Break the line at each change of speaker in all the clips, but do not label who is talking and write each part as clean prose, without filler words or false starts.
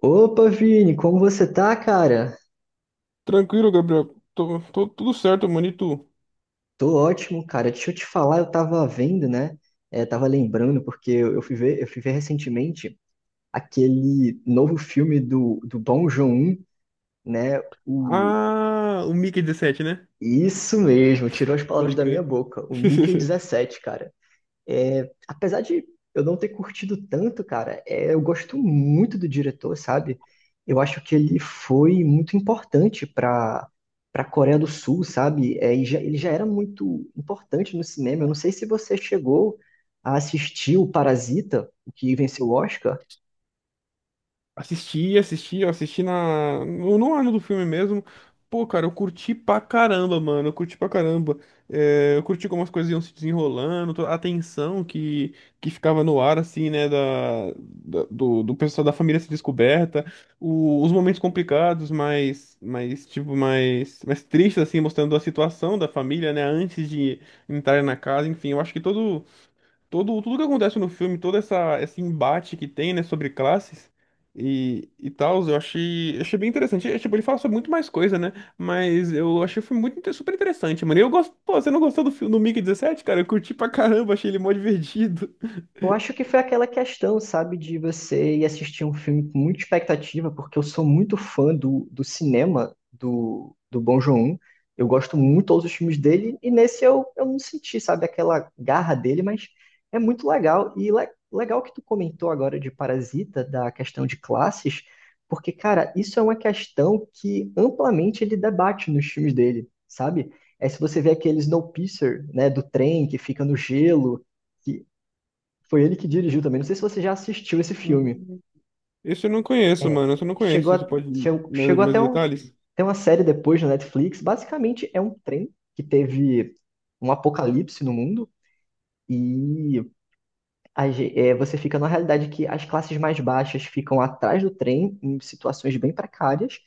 Opa, Vini, como você tá, cara?
Tranquilo, Gabriel. Tô tudo certo, mano. E tu?
Tô ótimo, cara. Deixa eu te falar, eu tava vendo, né? É, tava lembrando, porque eu fui ver, eu fui ver recentemente aquele novo filme do Bong Joon, né? O...
Ah, o Mickey 17, né?
Isso mesmo, tirou as palavras
Pode
da minha
crer.
boca. O Mickey dezessete, cara. É, apesar de eu não ter curtido tanto, cara, é, eu gosto muito do diretor, sabe? Eu acho que ele foi muito importante para a Coreia do Sul, sabe? É, e ele já era muito importante no cinema. Eu não sei se você chegou a assistir o Parasita, o que venceu o Oscar.
Eu assisti no, no ano do filme mesmo. Pô, cara, eu curti pra caramba, mano. Eu curti pra caramba. É, eu curti como as coisas iam se desenrolando, a tensão que ficava no ar, assim, né? Do pessoal da família se descoberta, os momentos complicados, mais tristes, assim, mostrando a situação da família, né? Antes de entrar na casa, enfim, eu acho que todo. Todo, tudo que acontece no filme, esse embate que tem, né, sobre classes e tal, achei bem interessante. É, tipo, ele fala sobre muito mais coisa, né? Mas eu achei o filme muito, super interessante, mano. E eu gosto, pô, você não gostou do filme do Mickey dezessete cara? Eu curti pra caramba, achei ele mó divertido.
Eu acho que foi aquela questão, sabe, de você ir assistir um filme com muita expectativa, porque eu sou muito fã do cinema do Bong Joon-ho. Eu gosto muito de todos os filmes dele, e nesse eu não senti, sabe, aquela garra dele, mas é muito legal. E legal que tu comentou agora de Parasita, da questão de classes, porque, cara, isso é uma questão que amplamente ele debate nos filmes dele, sabe? É se você vê aquele Snowpiercer, né, do trem que fica no gelo, que foi ele que dirigiu também. Não sei se você já assistiu esse filme.
Isso eu não conheço,
É,
mano. Isso eu não
chegou,
conheço. Você
a-
pode
che-
mais,
chegou
mais
até um,
detalhes?
tem uma série depois na Netflix. Basicamente é um trem que teve um apocalipse no mundo e você fica numa realidade que as classes mais baixas ficam atrás do trem, em situações bem precárias,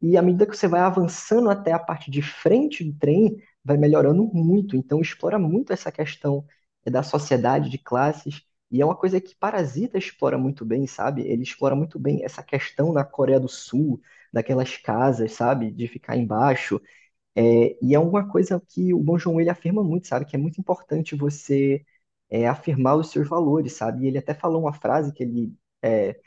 e à medida que você vai avançando até a parte de frente do trem, vai melhorando muito. Então, explora muito essa questão da sociedade de classes, e é uma coisa que Parasita explora muito bem, sabe? Ele explora muito bem essa questão na Coreia do Sul, daquelas casas, sabe? De ficar embaixo, é, e é uma coisa que o Bong Joon-ho ele afirma muito, sabe? Que é muito importante você afirmar os seus valores, sabe? E ele até falou uma frase que ele é,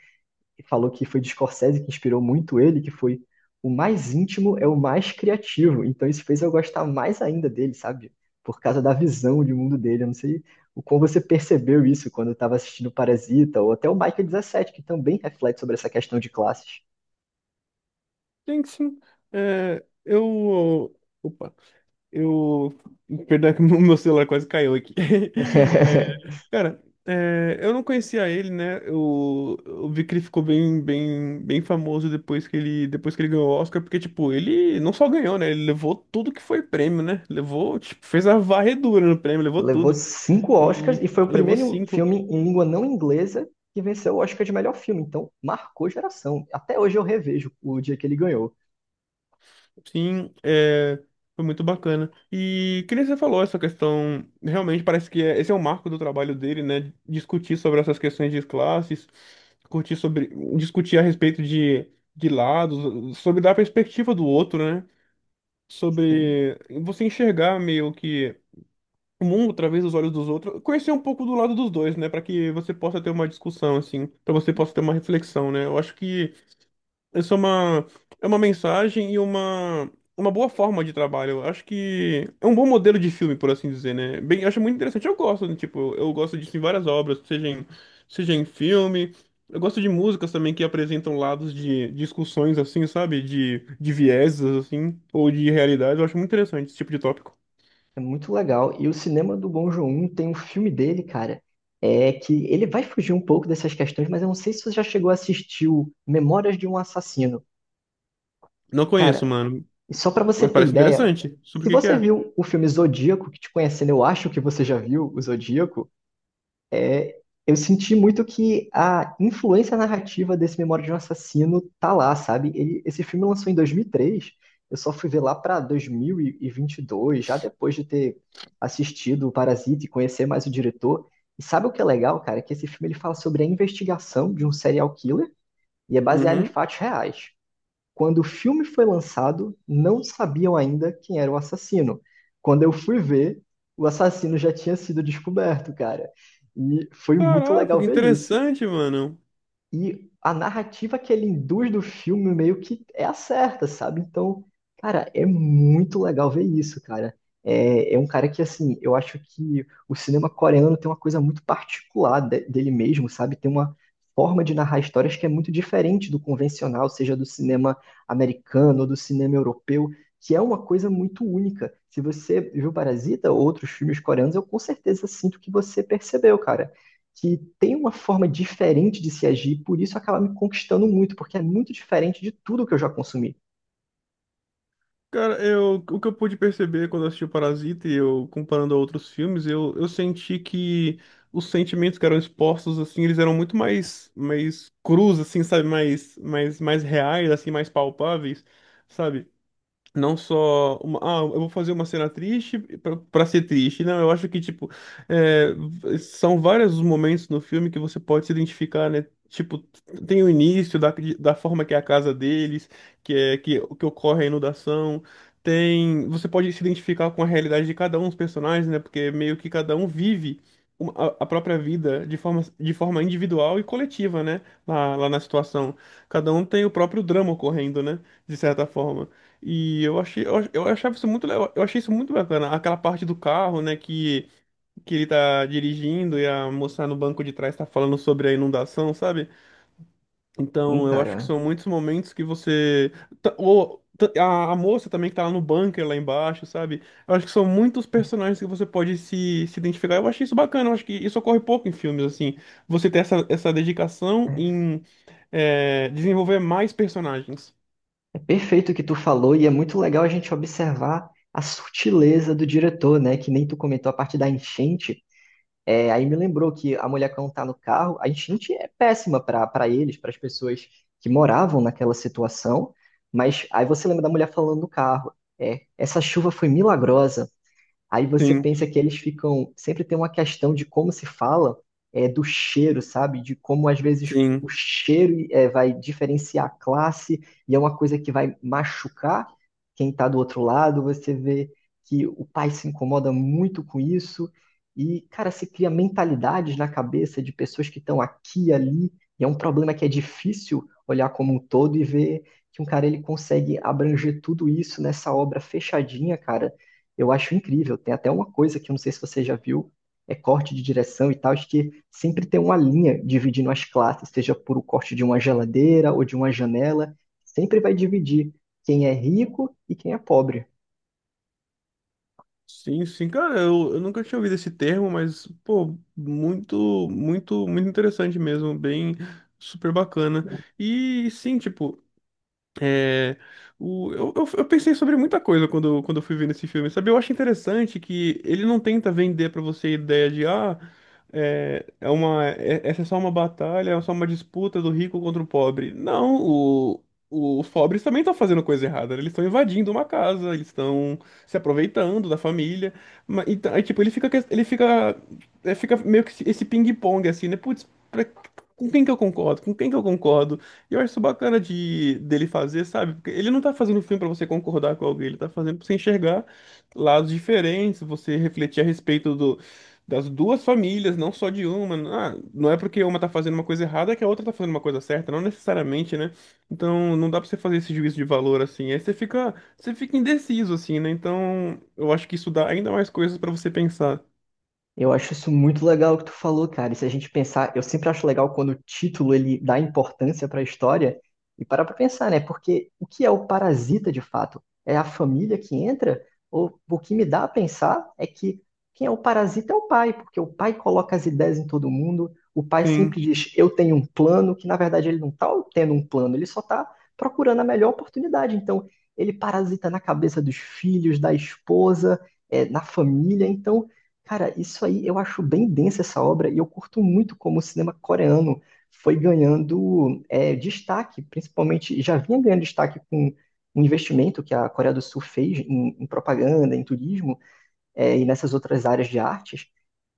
falou que foi de Scorsese que inspirou muito ele, que foi o mais íntimo é o mais criativo. Então isso fez eu gostar mais ainda dele, sabe? Por causa da visão de mundo dele. Eu não sei o quão você percebeu isso quando eu estava assistindo Parasita, ou até o Michael 17, que também reflete sobre essa questão de classes.
Sim, sim. É, eu. Opa. Eu. Perdão, que o meu celular quase caiu aqui. Cara, é, eu não conhecia ele, né? Eu vi que ele ficou bem famoso depois que ele ganhou o Oscar, porque, tipo, ele não só ganhou, né? Ele levou tudo que foi prêmio, né? Levou, tipo, fez a varredura no prêmio, levou
Levou
tudo.
5 Oscars
E
e foi o
levou
primeiro
cinco.
filme em língua não inglesa que venceu o Oscar de melhor filme. Então, marcou geração. Até hoje eu revejo o dia que ele ganhou.
Sim, é, foi muito bacana. E que nem você falou, essa questão, realmente parece que esse é o marco do trabalho dele, né? Discutir sobre essas questões de classes, curtir sobre, discutir a respeito de lados, sobre dar a perspectiva do outro, né?
Sim,
Sobre você enxergar meio que o mundo através dos olhos dos outros, conhecer um pouco do lado dos dois, né? Para que você possa ter uma discussão, assim, para você possa ter uma reflexão, né? Eu acho que essa é uma mensagem uma boa forma de trabalho. Eu acho que é um bom modelo de filme, por assim dizer, né? Bem, eu acho muito interessante. Eu gosto, né? Tipo, eu gosto disso em várias obras, seja em filme. Eu gosto de músicas também que apresentam lados de discussões, assim, sabe? De vieses, assim, ou de realidades. Eu acho muito interessante esse tipo de tópico.
é muito legal. E o cinema do Bong Joon-ho tem um filme dele, cara, é que ele vai fugir um pouco dessas questões, mas eu não sei se você já chegou a assistir o Memórias de um Assassino.
Não conheço,
Cara,
mano,
e só pra você
mas
ter
parece
ideia,
interessante. Sobre o
se
que que
você
é?
viu o filme Zodíaco, que te conhecendo, eu acho que você já viu o Zodíaco. É, eu senti muito que a influência narrativa desse Memória de um Assassino tá lá, sabe? Esse filme lançou em 2003. Eu só fui ver lá pra 2022, já depois de ter assistido o Parasita e conhecer mais o diretor. E sabe o que é legal, cara? Que esse filme ele fala sobre a investigação de um serial killer e é baseado em
Uhum.
fatos reais. Quando o filme foi lançado, não sabiam ainda quem era o assassino. Quando eu fui ver, o assassino já tinha sido descoberto, cara. E foi muito
Caraca,
legal
que
ver isso.
interessante, mano.
E a narrativa que ele induz do filme meio que é a certa, sabe? Então, cara, é muito legal ver isso, cara. É, é um cara que, assim, eu acho que o cinema coreano tem uma coisa muito particular dele mesmo, sabe? Tem uma forma de narrar histórias que é muito diferente do convencional, seja do cinema americano ou do cinema europeu, que é uma coisa muito única. Se você viu Parasita ou outros filmes coreanos, eu com certeza sinto que você percebeu, cara, que tem uma forma diferente de se agir, por isso acaba me conquistando muito, porque é muito diferente de tudo que eu já consumi.
Cara, eu, o que eu pude perceber quando eu assisti o Parasita e eu comparando a outros filmes, eu senti que os sentimentos que eram expostos, assim, eles eram muito mais crus, assim, sabe? Mais reais, assim, mais palpáveis, sabe? Não só uma, ah, eu vou fazer uma cena triste pra ser triste. Não, eu acho que, tipo, são vários os momentos no filme que você pode se identificar, né? Tipo, tem o início da forma que é a casa deles, que ocorre a inundação. Tem, você pode se identificar com a realidade de cada um dos personagens, né? Porque meio que cada um vive a própria vida de forma individual e coletiva, né? Lá na situação. Cada um tem o próprio drama ocorrendo, né? De certa forma. E eu achei, eu achei isso muito bacana, aquela parte do carro, né, que ele tá dirigindo e a moça no banco de trás tá falando sobre a inundação, sabe? Então, eu acho que
Cara,
são muitos momentos que você a moça também que tá lá no bunker lá embaixo, sabe? Eu acho que são muitos personagens que você pode se identificar. Eu achei isso bacana, eu acho que isso ocorre pouco em filmes assim. Você ter essa dedicação
é,
em desenvolver mais personagens.
é perfeito o que tu falou e é muito legal a gente observar a sutileza do diretor, né? Que nem tu comentou a parte da enchente. É, aí me lembrou que a mulher quando tá no carro, a enchente é péssima para eles, para as pessoas que moravam naquela situação. Mas aí você lembra da mulher falando no carro, é, essa chuva foi milagrosa. Aí você
Sim,
pensa que eles ficam. Sempre tem uma questão de como se fala, é, do cheiro, sabe? De como às vezes
sim.
o cheiro é, vai diferenciar a classe e é uma coisa que vai machucar quem está do outro lado. Você vê que o pai se incomoda muito com isso. E, cara, se cria mentalidades na cabeça de pessoas que estão aqui e ali. E é um problema que é difícil olhar como um todo e ver que um cara ele consegue abranger tudo isso nessa obra fechadinha, cara. Eu acho incrível. Tem até uma coisa que eu não sei se você já viu, é corte de direção e tal, acho que sempre tem uma linha dividindo as classes, seja por o corte de uma geladeira ou de uma janela, sempre vai dividir quem é rico e quem é pobre.
Sim, sim, cara, eu nunca tinha ouvido esse termo, mas, pô, muito interessante mesmo, bem super bacana. E sim, tipo, é, eu pensei sobre muita coisa quando eu fui vendo esse filme, sabe? Eu acho interessante que ele não tenta vender pra você a ideia de, ah, essa é só uma batalha, é só uma disputa do rico contra o pobre. Não, o- os pobres também estão fazendo coisa errada, né? Eles estão invadindo uma casa, eles estão se aproveitando da família. Mas, então, aí, tipo, ele fica, é, fica meio que esse ping-pong, assim, né? Putz, pra- com quem que eu concordo? Com quem que eu concordo? E eu acho isso bacana dele fazer, sabe? Porque ele não tá fazendo filme pra você concordar com alguém, ele tá fazendo pra você enxergar lados diferentes, você refletir a respeito do, das duas famílias, não só de uma. Ah, não é porque uma tá fazendo uma coisa errada que a outra tá fazendo uma coisa certa, não necessariamente, né? Então não dá pra você fazer esse juízo de valor assim. Aí você fica indeciso, assim, né? Então eu acho que isso dá ainda mais coisas pra você pensar.
Eu acho isso muito legal o que tu falou, cara. E se a gente pensar, eu sempre acho legal quando o título ele dá importância para a história e parar para pensar, né? Porque o que é o parasita de fato? É a família que entra? Ou o que me dá a pensar é que quem é o parasita é o pai, porque o pai coloca as ideias em todo mundo, o pai
Sim,
sempre diz, eu tenho um plano, que na verdade ele não tá tendo um plano, ele só tá procurando a melhor oportunidade. Então, ele parasita na cabeça dos filhos, da esposa, eh, na família, então Cara, isso aí eu acho bem densa essa obra e eu curto muito como o cinema coreano foi ganhando é, destaque, principalmente já vinha ganhando destaque com um investimento que a Coreia do Sul fez em propaganda, em turismo é, e nessas outras áreas de artes.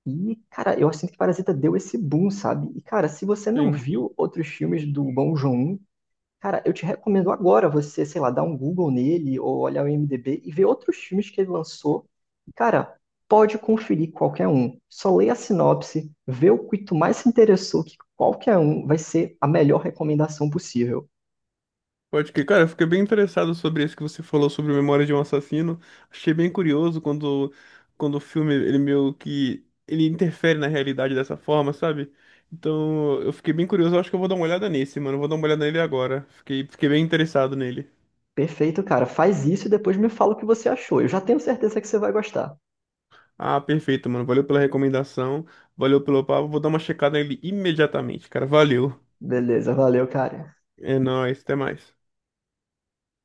E, cara, eu sinto que Parasita deu esse boom, sabe? E, cara, se você não
sim.
viu outros filmes do Bong Joon-ho, cara, eu te recomendo agora você, sei lá, dar um Google nele ou olhar o IMDb e ver outros filmes que ele lançou. E, cara, pode conferir qualquer um. Só leia a sinopse, vê o que tu mais se interessou, que qualquer um vai ser a melhor recomendação possível.
Pode que, cara, eu fiquei bem interessado sobre isso que você falou sobre Memória de um Assassino. Achei bem curioso quando o filme, ele meio que, ele interfere na realidade dessa forma, sabe? Então, eu fiquei bem curioso, eu acho que eu vou dar uma olhada nesse, mano. Eu vou dar uma olhada nele agora. Fiquei bem interessado nele.
Perfeito, cara. Faz isso e depois me fala o que você achou. Eu já tenho certeza que você vai gostar.
Ah, perfeito, mano. Valeu pela recomendação, valeu pelo papo. Vou dar uma checada nele imediatamente, cara. Valeu.
Beleza, valeu, cara.
É nóis, até mais.